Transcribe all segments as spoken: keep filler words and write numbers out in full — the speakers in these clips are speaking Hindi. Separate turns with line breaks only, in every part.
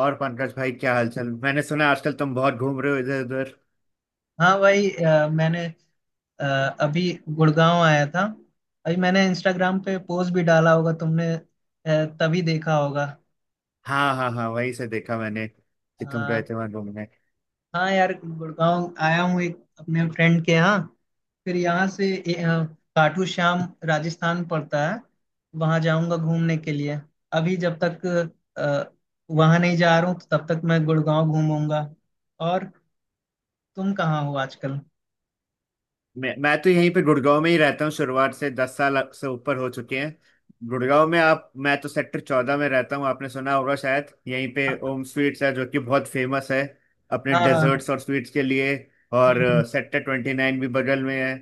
और पंकज भाई, क्या हालचाल? मैंने सुना आजकल तुम बहुत घूम रहे हो इधर उधर।
हाँ भाई, अ, मैंने अ, अभी गुड़गांव आया था। अभी मैंने इंस्टाग्राम पे पोस्ट भी डाला होगा, तुमने अ, तभी देखा होगा।
हाँ हाँ हाँ, वहीं से देखा मैंने कि तुम गए थे
हाँ
वहां घूमने।
हाँ, यार गुड़गांव आया हूँ एक अपने फ्रेंड के यहाँ। फिर यहाँ से ए, अ, खाटू श्याम, राजस्थान पड़ता है। वहाँ जाऊँगा घूमने के लिए। अभी जब तक अ, वहाँ नहीं जा रहा हूँ तो तब तक मैं गुड़गांव घूमूंगा। और तुम कहाँ हो आजकल?
मैं मैं तो यहीं पे गुड़गांव में ही रहता हूँ, शुरुआत से दस साल से ऊपर हो चुके हैं गुड़गांव में। आप, मैं तो सेक्टर चौदह में रहता हूँ, आपने सुना होगा शायद, यहीं पे ओम स्वीट्स है जो कि बहुत फेमस है अपने
हाँ
डेजर्ट्स और स्वीट्स के लिए। और
हाँ।
सेक्टर ट्वेंटी नाइन भी बगल में है।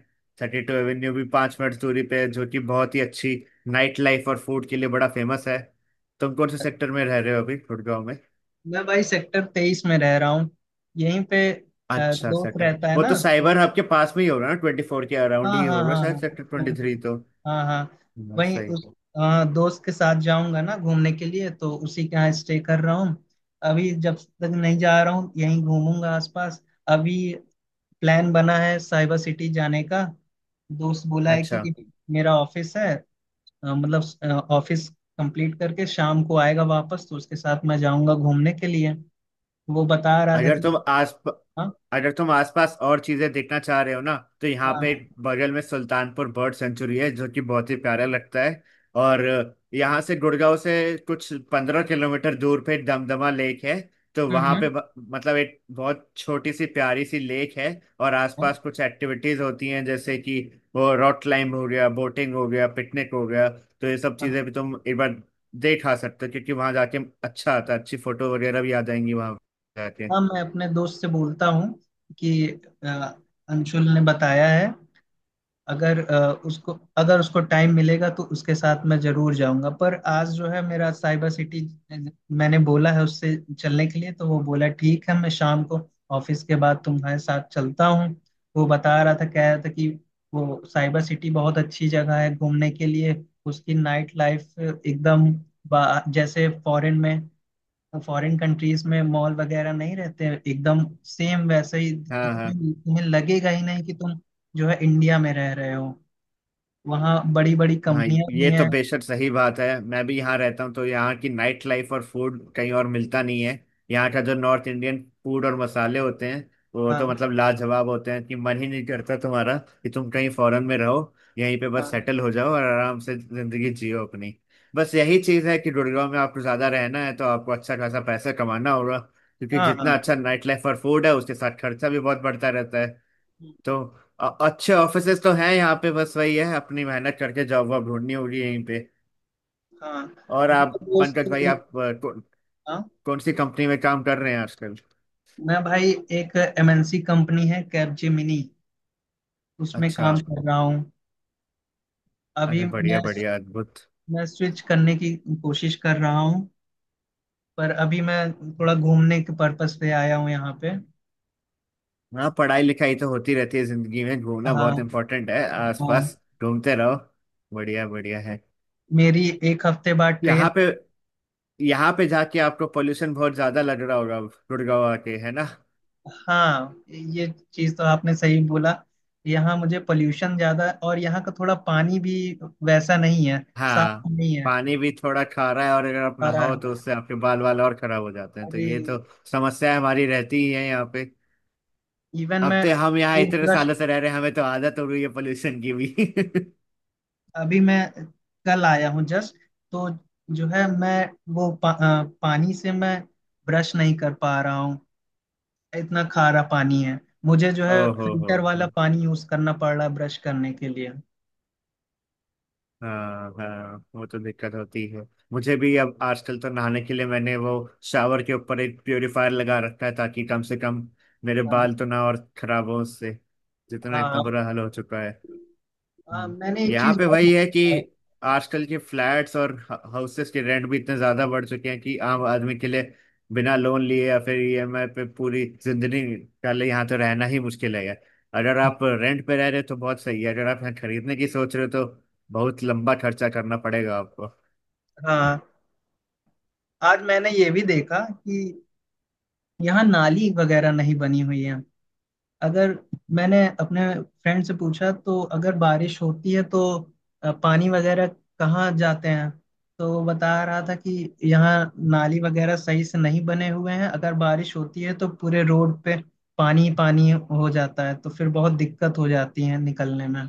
थर्टी टू एवेन्यू भी पाँच मिनट दूरी पे है, जो कि बहुत ही अच्छी नाइट लाइफ और फूड के लिए बड़ा फेमस है। तुम कौन से सेक्टर में रह रहे हो अभी गुड़गांव में?
मैं भाई सेक्टर तेईस में रह रहा हूँ। यहीं पे अ,
अच्छा,
दोस्त
सेक्टर।
रहता है
वो
ना।
तो साइबर हब के पास में ही होगा ना, ट्वेंटी फोर के अराउंड
हाँ
ही
हाँ
होगा
हाँ हाँ,
शायद, सेक्टर ट्वेंटी थ्री
एकदम।
तो।
हाँ हाँ,
हम्म,
वहीं
सही।
उस। हाँ, दोस्त के साथ जाऊंगा ना घूमने के लिए तो उसी के यहाँ स्टे कर रहा हूँ। अभी जब तक नहीं जा रहा हूँ यहीं घूमूंगा आसपास। अभी प्लान बना है साइबर सिटी जाने का। दोस्त बोला है
अच्छा।
कि मेरा ऑफिस है, अ, मतलब ऑफिस कंप्लीट करके शाम को आएगा वापस तो उसके साथ मैं जाऊंगा घूमने के लिए। वो बता रहा था
अगर
कि।
तुम आस
हाँ,
अगर तुम आसपास और चीजें देखना चाह रहे हो ना, तो यहाँ
हाँ
पे
हाँ।
एक बगल में सुल्तानपुर बर्ड सेंचुरी है जो कि बहुत ही प्यारा लगता है। और यहाँ से, गुड़गांव से, कुछ पंद्रह किलोमीटर दूर पे दमदमा लेक है। तो
हम्म
वहाँ पे
हम्म,
ब- मतलब एक बहुत छोटी सी प्यारी सी लेक है और आसपास कुछ एक्टिविटीज होती हैं, जैसे कि वो रॉक क्लाइंब हो गया, बोटिंग हो गया, पिकनिक हो गया। तो ये सब
हाँ
चीजें भी तुम एक बार देख आ सकते हो, क्योंकि वहाँ जाके अच्छा आता है, अच्छी फोटो वगैरह भी आ जाएंगी वहाँ
हाँ।
जाके।
मैं अपने दोस्त से बोलता हूँ कि अ, अंशुल ने बताया है। अगर अ, उसको अगर उसको टाइम मिलेगा तो उसके साथ मैं जरूर जाऊंगा, पर आज जो है मेरा साइबर सिटी। मैंने बोला है उससे चलने के लिए, तो वो बोला ठीक है, मैं शाम को ऑफिस के बाद तुम्हारे साथ चलता हूँ। वो बता रहा था कह रहा था कि वो साइबर सिटी बहुत अच्छी जगह है घूमने के लिए। उसकी नाइट लाइफ एकदम, बा- जैसे फॉरेन में फॉरेन कंट्रीज में मॉल वगैरह नहीं रहते, एकदम सेम वैसे ही
हाँ हाँ
तुम्हें तुम्हें लगेगा ही नहीं कि तुम जो है इंडिया में रह रहे हो। वहाँ बड़ी बड़ी
हाँ,
कंपनियां भी
ये तो
हैं।
बेशक सही बात है, मैं भी यहाँ रहता हूँ तो यहाँ की नाइट लाइफ और फूड कहीं और मिलता नहीं है। यहाँ का जो नॉर्थ इंडियन फूड और मसाले होते हैं, वो तो मतलब
हाँ
लाजवाब होते हैं कि मन ही नहीं करता तुम्हारा कि तुम कहीं फॉरेन में रहो, यहीं पे बस
हाँ
सेटल हो जाओ और आराम से जिंदगी जियो अपनी। बस यही चीज़ है कि गुड़गांव में आपको ज़्यादा रहना है तो आपको अच्छा खासा पैसा कमाना होगा, क्योंकि
हाँ
जितना
हाँ
अच्छा नाइट लाइफ और फूड है, उसके साथ खर्चा भी बहुत बढ़ता रहता है। तो अ- अच्छे ऑफिसेस तो हैं यहाँ पे, बस वही है अपनी मेहनत करके जॉब वॉब ढूंढनी होगी यहीं पे।
हाँ।
और
तो
आप,
मेरा दोस्त
पंकज भाई,
एक।
आप अ, कौ,
हाँ।
कौन सी कंपनी में काम कर रहे हैं आजकल?
मैं भाई, एक एम एन सी कंपनी है कैपजेमिनी, उसमें
अच्छा।
काम कर रहा हूँ अभी
अरे
मैं
बढ़िया बढ़िया, अद्भुत।
मैं स्विच करने की कोशिश कर रहा हूँ, पर अभी मैं थोड़ा घूमने के पर्पस पे आया हूँ यहाँ पे।
हाँ, पढ़ाई लिखाई तो होती रहती है जिंदगी में, घूमना बहुत
हाँ
इम्पोर्टेंट है,
हाँ।
आसपास घूमते रहो। बढ़िया बढ़िया है।
मेरी एक हफ्ते बाद ट्रेन।
यहाँ पे यहाँ पे जाके आपको पोल्यूशन बहुत ज्यादा लग रहा होगा अब, गुड़गांव आके, है ना?
हाँ, ये चीज तो आपने सही बोला। यहाँ मुझे पोल्यूशन ज्यादा, और यहाँ का थोड़ा पानी भी वैसा नहीं है, साफ
हाँ,
नहीं है।
पानी भी थोड़ा खारा है, और अगर आप
सारा
नहाओ तो
है।
उससे आपके बाल वाल और खराब हो जाते हैं, तो
अरे,
ये तो समस्या हमारी रहती ही है यहाँ पे।
इवन
अब
मैं
तो हम यहाँ
टूथ
इतने
ब्रश।
सालों से रह रहे हैं, हमें तो आदत हो रही है पोल्यूशन की भी।
अभी मैं कल आया हूँ जस्ट, तो जो है मैं वो पा, अ, पानी से मैं ब्रश नहीं कर पा रहा हूँ, इतना खारा पानी है। मुझे जो है
ओहो हो
फिल्टर
हो
वाला पानी यूज करना पड़ रहा है ब्रश करने के लिए।
हाँ हाँ, वो तो दिक्कत होती है। मुझे भी अब आजकल तो नहाने के लिए मैंने वो शावर के ऊपर एक प्योरीफायर लगा रखा है, ताकि कम से कम मेरे बाल
हाँ
तो ना और खराब हो उससे, जितना इतना
हाँ।
बुरा हाल हो चुका।
हाँ,
हम्म।
मैंने एक
यहाँ
चीज
पे
और
वही है कि
देखा है।
आजकल के फ्लैट्स और हाउसेस के रेंट भी इतने ज्यादा बढ़ चुके हैं कि आम आदमी के लिए बिना लोन लिए या फिर ईएमआई पे पूरी जिंदगी का लिए यहाँ तो रहना ही मुश्किल है। अगर आप रेंट पे रह रहे हो तो बहुत सही है, अगर आप यहाँ खरीदने की सोच रहे हो तो बहुत लंबा खर्चा करना पड़ेगा आपको।
हाँ, आज मैंने ये भी देखा कि यहाँ नाली वगैरह नहीं बनी हुई है। अगर मैंने अपने फ्रेंड से पूछा तो, अगर बारिश होती है तो अ, पानी वगैरह कहाँ जाते हैं? तो वो बता रहा था कि यहाँ नाली वगैरह सही से नहीं बने हुए हैं। अगर बारिश होती है तो पूरे रोड पे पानी ही पानी हो जाता है, तो फिर बहुत दिक्कत हो जाती है निकलने में।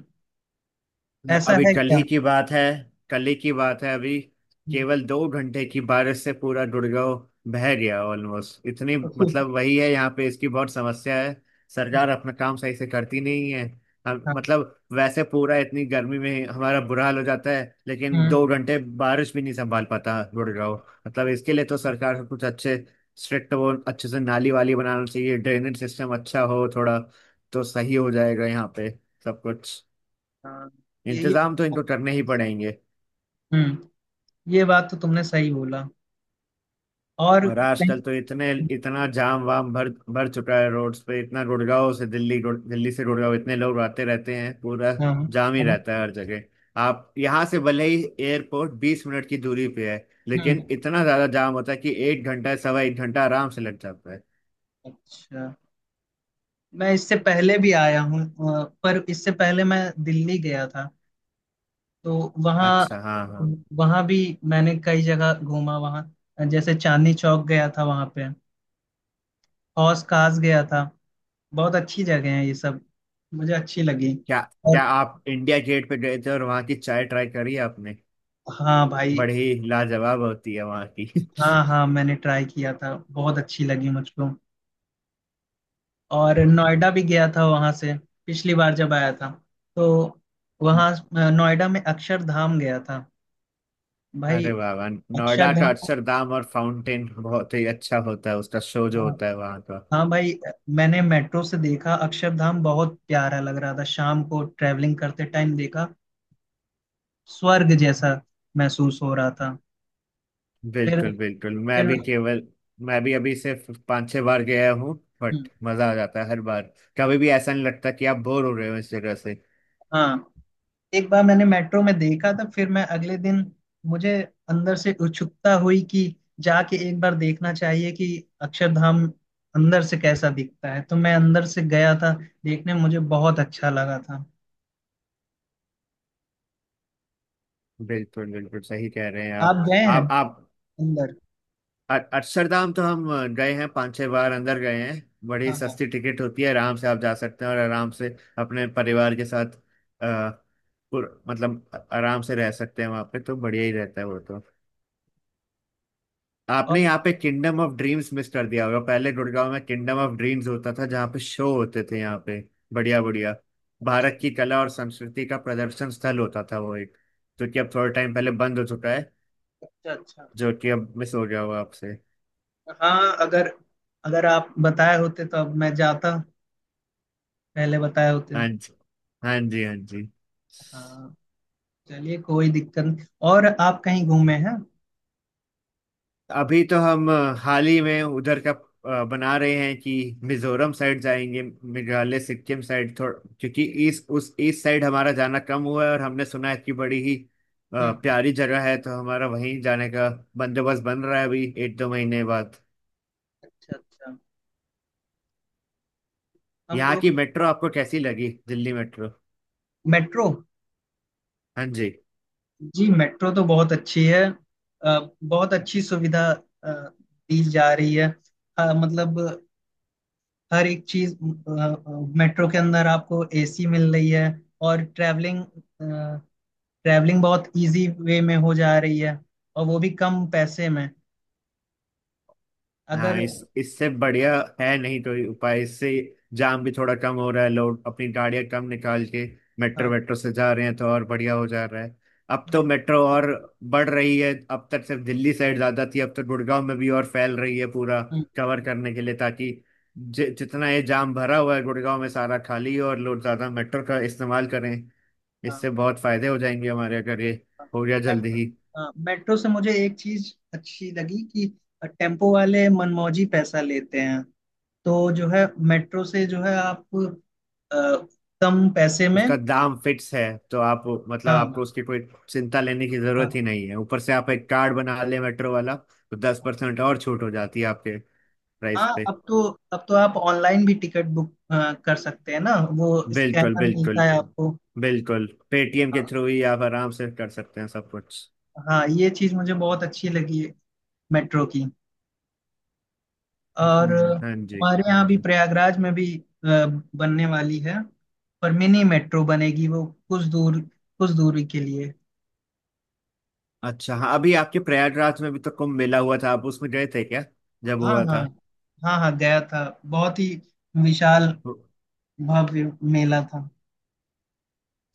ऐसा
अभी
है
कल
क्या?
ही की बात है, कल ही की बात है अभी
हम्म,
केवल दो घंटे की बारिश से पूरा गुड़गांव बह गया ऑलमोस्ट, इतनी, मतलब वही है, यहाँ पे इसकी बहुत समस्या है, सरकार अपना काम सही से करती नहीं है। हम,
हाँ।
मतलब वैसे पूरा इतनी गर्मी में हमारा बुरा हाल हो जाता है, लेकिन दो
हम्म,
घंटे बारिश भी नहीं संभाल पाता गुड़गांव। मतलब इसके लिए तो सरकार को कुछ अच्छे स्ट्रिक्ट, वो अच्छे से नाली वाली बनाना चाहिए, ड्रेनेज सिस्टम अच्छा हो थोड़ा, तो सही हो जाएगा यहाँ पे सब कुछ।
हाँ। ये ये
इंतजाम तो इनको करने ही पड़ेंगे।
हम्म, ये बात तो तुमने सही बोला। और
और
कहीं।
आजकल तो इतने इतना जाम वाम भर भर चुका है रोड्स पे, इतना गुड़गांव से दिल्ली, गुड़- दिल्ली से गुड़गांव इतने लोग आते रहते हैं, पूरा
हाँ
जाम ही रहता
हाँ।
है हर जगह। आप यहाँ से भले ही एयरपोर्ट बीस मिनट की दूरी पे है,
हम्म।
लेकिन इतना ज्यादा जाम होता है कि एक घंटा, सवा एक घंटा आराम से लग जाता है।
अच्छा। मैं इससे पहले भी आया हूँ अ, पर इससे पहले मैं दिल्ली गया था। तो वहाँ
अच्छा, हाँ हाँ।
वहाँ भी मैंने कई जगह घूमा वहाँ, जैसे चांदनी चौक गया था, वहाँ पे हौस खास गया था। बहुत अच्छी जगह है ये सब, मुझे अच्छी लगी।
क्या
और
क्या आप इंडिया गेट पे गए थे और वहाँ की चाय ट्राई करी आपने?
हाँ भाई।
बड़ी लाजवाब होती है वहाँ की।
हाँ हाँ, मैंने ट्राई किया था, बहुत अच्छी लगी मुझको। और नोएडा भी गया था वहां से, पिछली बार जब आया था। तो वहां अ, नोएडा में अक्षरधाम गया था भाई।
अरे वाह वाह, नोएडा का
अक्षरधाम।
अक्षरधाम और फाउंटेन बहुत ही अच्छा होता है, उसका शो जो
हाँ।
होता है वहाँ का।
हाँ भाई, अ, मैंने मेट्रो से देखा, अक्षरधाम बहुत प्यारा लग रहा था, शाम को ट्रैवलिंग करते टाइम देखा। स्वर्ग जैसा महसूस हो रहा था। फिर
बिल्कुल बिल्कुल, मैं
फिर
भी केवल मैं भी अभी सिर्फ पाँच छह बार गया हूँ,
हम्म,
बट मजा आ जाता है हर बार, कभी भी ऐसा नहीं लगता कि आप बोर हो रहे हो इस जगह से।
हाँ। एक बार मैंने मेट्रो में देखा था, फिर मैं अगले दिन मुझे अंदर से उत्सुकता हुई कि जाके एक बार देखना चाहिए कि अक्षरधाम अंदर से कैसा दिखता है। तो मैं अंदर से गया था देखने, मुझे बहुत अच्छा लगा था।
बिल्कुल बिल्कुल, सही कह रहे हैं आप।
आप गए हैं
आप आप
अंदर?
अ- अक्षरधाम तो हम गए हैं, पांच छह बार अंदर गए हैं। बड़ी
हाँ हाँ।
सस्ती टिकट होती है, आराम से आप जा सकते हैं और आराम से अपने परिवार के साथ आ, पुर, मतलब अ- आराम से रह सकते हैं वहां पे, तो बढ़िया ही रहता है वो तो। आपने
और
यहाँ पे किंगडम ऑफ ड्रीम्स मिस कर दिया होगा, पहले गुड़गांव में किंगडम ऑफ ड्रीम्स होता था जहाँ पे शो होते थे यहाँ पे। बढ़िया बढ़िया।
अच्छा
भारत की कला और संस्कृति का प्रदर्शन स्थल होता था वो एक, जो कि अब थोड़ा टाइम पहले बंद हो चुका है,
अच्छा। अच्छा।
जो कि अब मिस हो गया होगा आपसे।
हाँ, अगर अगर आप बताए होते तो अब मैं जाता, पहले बताए होते।
हाँ जी, हाँ जी हाँ जी।
हाँ, चलिए कोई दिक्कत नहीं। और आप कहीं घूमे हैं?
अभी तो हम अ, हाल ही में उधर का अ, बना रहे हैं कि मिजोरम साइड जाएंगे, मेघालय सिक्किम साइड थोड़ा, क्योंकि ईस्ट, उस ईस्ट साइड हमारा जाना कम हुआ है और हमने सुना है कि बड़ी ही अ,
हम्म।
प्यारी जगह है, तो हमारा वहीं जाने का बंदोबस्त बन रहा है अभी एक दो महीने बाद।
अच्छा अच्छा। हम
यहाँ
लोग।
की मेट्रो आपको कैसी लगी, दिल्ली मेट्रो?
मेट्रो।
हाँ जी।
जी, मेट्रो तो बहुत अच्छी है। अ, बहुत अच्छी सुविधा अ, दी जा रही है, अ, मतलब हर एक चीज। अ, अ, मेट्रो के अंदर आपको ए सी मिल रही है। और ट्रैवलिंग ट्रैवलिंग बहुत इजी वे में हो जा रही है, और वो भी कम पैसे में।
हाँ,
अगर।
इस इससे बढ़िया है नहीं, तो ये उपाय, इससे जाम भी थोड़ा कम हो रहा है, लोग अपनी गाड़ियां कम निकाल के मेट्रो
हाँ।
वेट्रो से जा रहे हैं, तो और बढ़िया हो जा रहा है। अब तो
मेट-
मेट्रो
हाँ,
और बढ़ रही है, अब तक सिर्फ दिल्ली साइड ज्यादा थी, अब तो गुड़गांव में भी और फैल रही है, पूरा
हम्म,
कवर करने के लिए, ताकि जि, जितना ये जाम भरा हुआ है गुड़गांव में सारा खाली हो और लोग ज्यादा मेट्रो का इस्तेमाल करें।
हाँ,
इससे बहुत फायदे हो जाएंगे हमारे, अगर ये
हाँ,
हो गया जल्दी
मेट्रो।
ही।
हाँ, मेट्रो से मुझे एक चीज अच्छी लगी कि टेम्पो वाले मनमौजी पैसा लेते हैं, तो जो है मेट्रो से जो है आप अ, कम पैसे में।
उसका दाम फिक्स है, तो आप, मतलब आपको
हाँ
उसकी कोई चिंता लेने की जरूरत ही
हाँ
नहीं है। ऊपर से आप एक कार्ड बना ले मेट्रो वाला, तो दस परसेंट और छूट हो जाती है आपके प्राइस
हाँ।
पे।
अब तो अब तो आप ऑनलाइन भी टिकट बुक अ, कर सकते हैं ना, वो
बिल्कुल
स्कैनर मिलता
बिल्कुल,
है आपको।
बिल्कुल पेटीएम के
हाँ
थ्रू ही आप आराम से कर सकते हैं सब कुछ।
हाँ, ये चीज़ मुझे बहुत अच्छी लगी है मेट्रो की। और
हम्म,
अ,
हाँ जी
हमारे
हाँ
यहाँ भी
जी।
प्रयागराज में भी अ, बनने वाली है, पर मिनी मेट्रो बनेगी, वो कुछ दूर, कुछ दूरी के लिए।
अच्छा, हाँ, अभी आपके प्रयागराज में भी तो कुंभ मेला हुआ था, आप उसमें गए थे क्या जब
हाँ
हुआ
हाँ। हाँ हाँ, गया था। बहुत ही विशाल
था?
भव्य मेला था।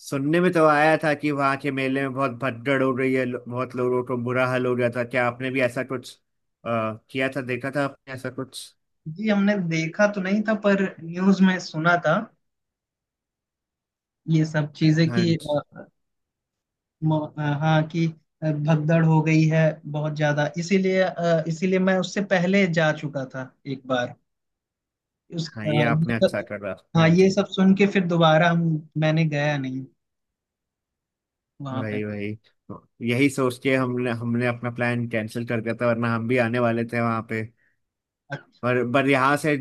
सुनने में तो आया था कि वहां के मेले में बहुत भगदड़ हो गई है, लो- बहुत लोगों को बुरा हाल हो गया था, क्या आपने भी ऐसा कुछ आ, किया था, देखा था आपने ऐसा कुछ?
जी, हमने देखा तो नहीं था, पर न्यूज में सुना था ये सब चीजें,
हाँ
कि
जी,
अ, म- अ, हाँ कि अ, भगदड़ हो गई है बहुत ज्यादा। इसीलिए अ, इसीलिए मैं उससे पहले जा चुका था एक बार। उस
हाँ
अ,
ये
ये
आपने अच्छा
सब-
करा, हाँ
हाँ, ये
जी।
सब सुन के फिर दोबारा हम मैंने गया नहीं वहां पे।
वही वही, यही सोच के हमने हमने अपना प्लान कैंसिल कर दिया था, वरना हम भी आने वाले थे वहां पे।
अच्छा।
पर पर यहाँ से,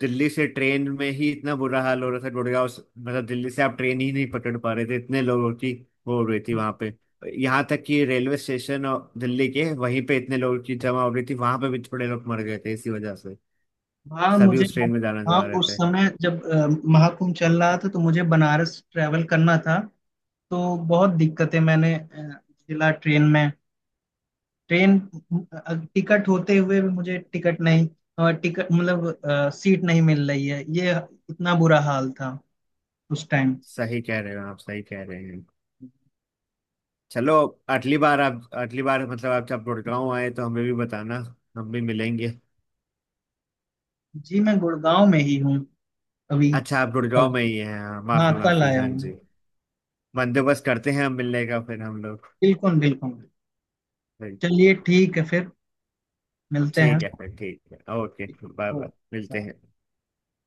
दिल्ली से ट्रेन में ही इतना बुरा हाल हो रहा था, गुड़गांव से- मतलब दिल्ली से आप ट्रेन ही नहीं पकड़ पा रहे थे, इतने लोगों की वो हो रही थी वहां पे। यहाँ तक कि रेलवे स्टेशन और दिल्ली के वहीं पे इतने लोगों की जमा हो रही थी, वहां पे भी थोड़े लोग मर गए थे इसी वजह से,
हाँ,
सभी
मुझे।
उस ट्रेन में जाना
हाँ,
चाह रहे
उस
थे।
समय जब अ, महाकुंभ चल रहा था तो मुझे बनारस ट्रैवल करना था। तो बहुत दिक्कतें मैंने अ, झेला ट्रेन में। ट्रेन टिकट होते हुए भी मुझे टिकट नहीं, और टिकट मतलब अ, सीट नहीं मिल रही है। ये इतना बुरा हाल था उस टाइम।
सही कह रहे हो आप, सही कह रहे हैं। चलो, अगली बार आप, अगली बार मतलब आप जब गुड़गांव आए तो हमें भी बताना, हम भी मिलेंगे।
जी, मैं गुड़गांव में ही हूँ अभी।
अच्छा, आप
कल।
गुड़गांव में ही हैं, हाँ
हाँ,
माफी
कल
माफी,
आया
हाँ जी।
हूँ।
बंदोबस्त करते हैं हम मिलने का फिर हम लोग।
बिल्कुल बिल्कुल। चलिए
बिल्कुल।
ठीक है फिर, मिलते हैं।
ठीक है फिर, ठीक है, ओके बाय
ओ।
बाय, मिलते हैं।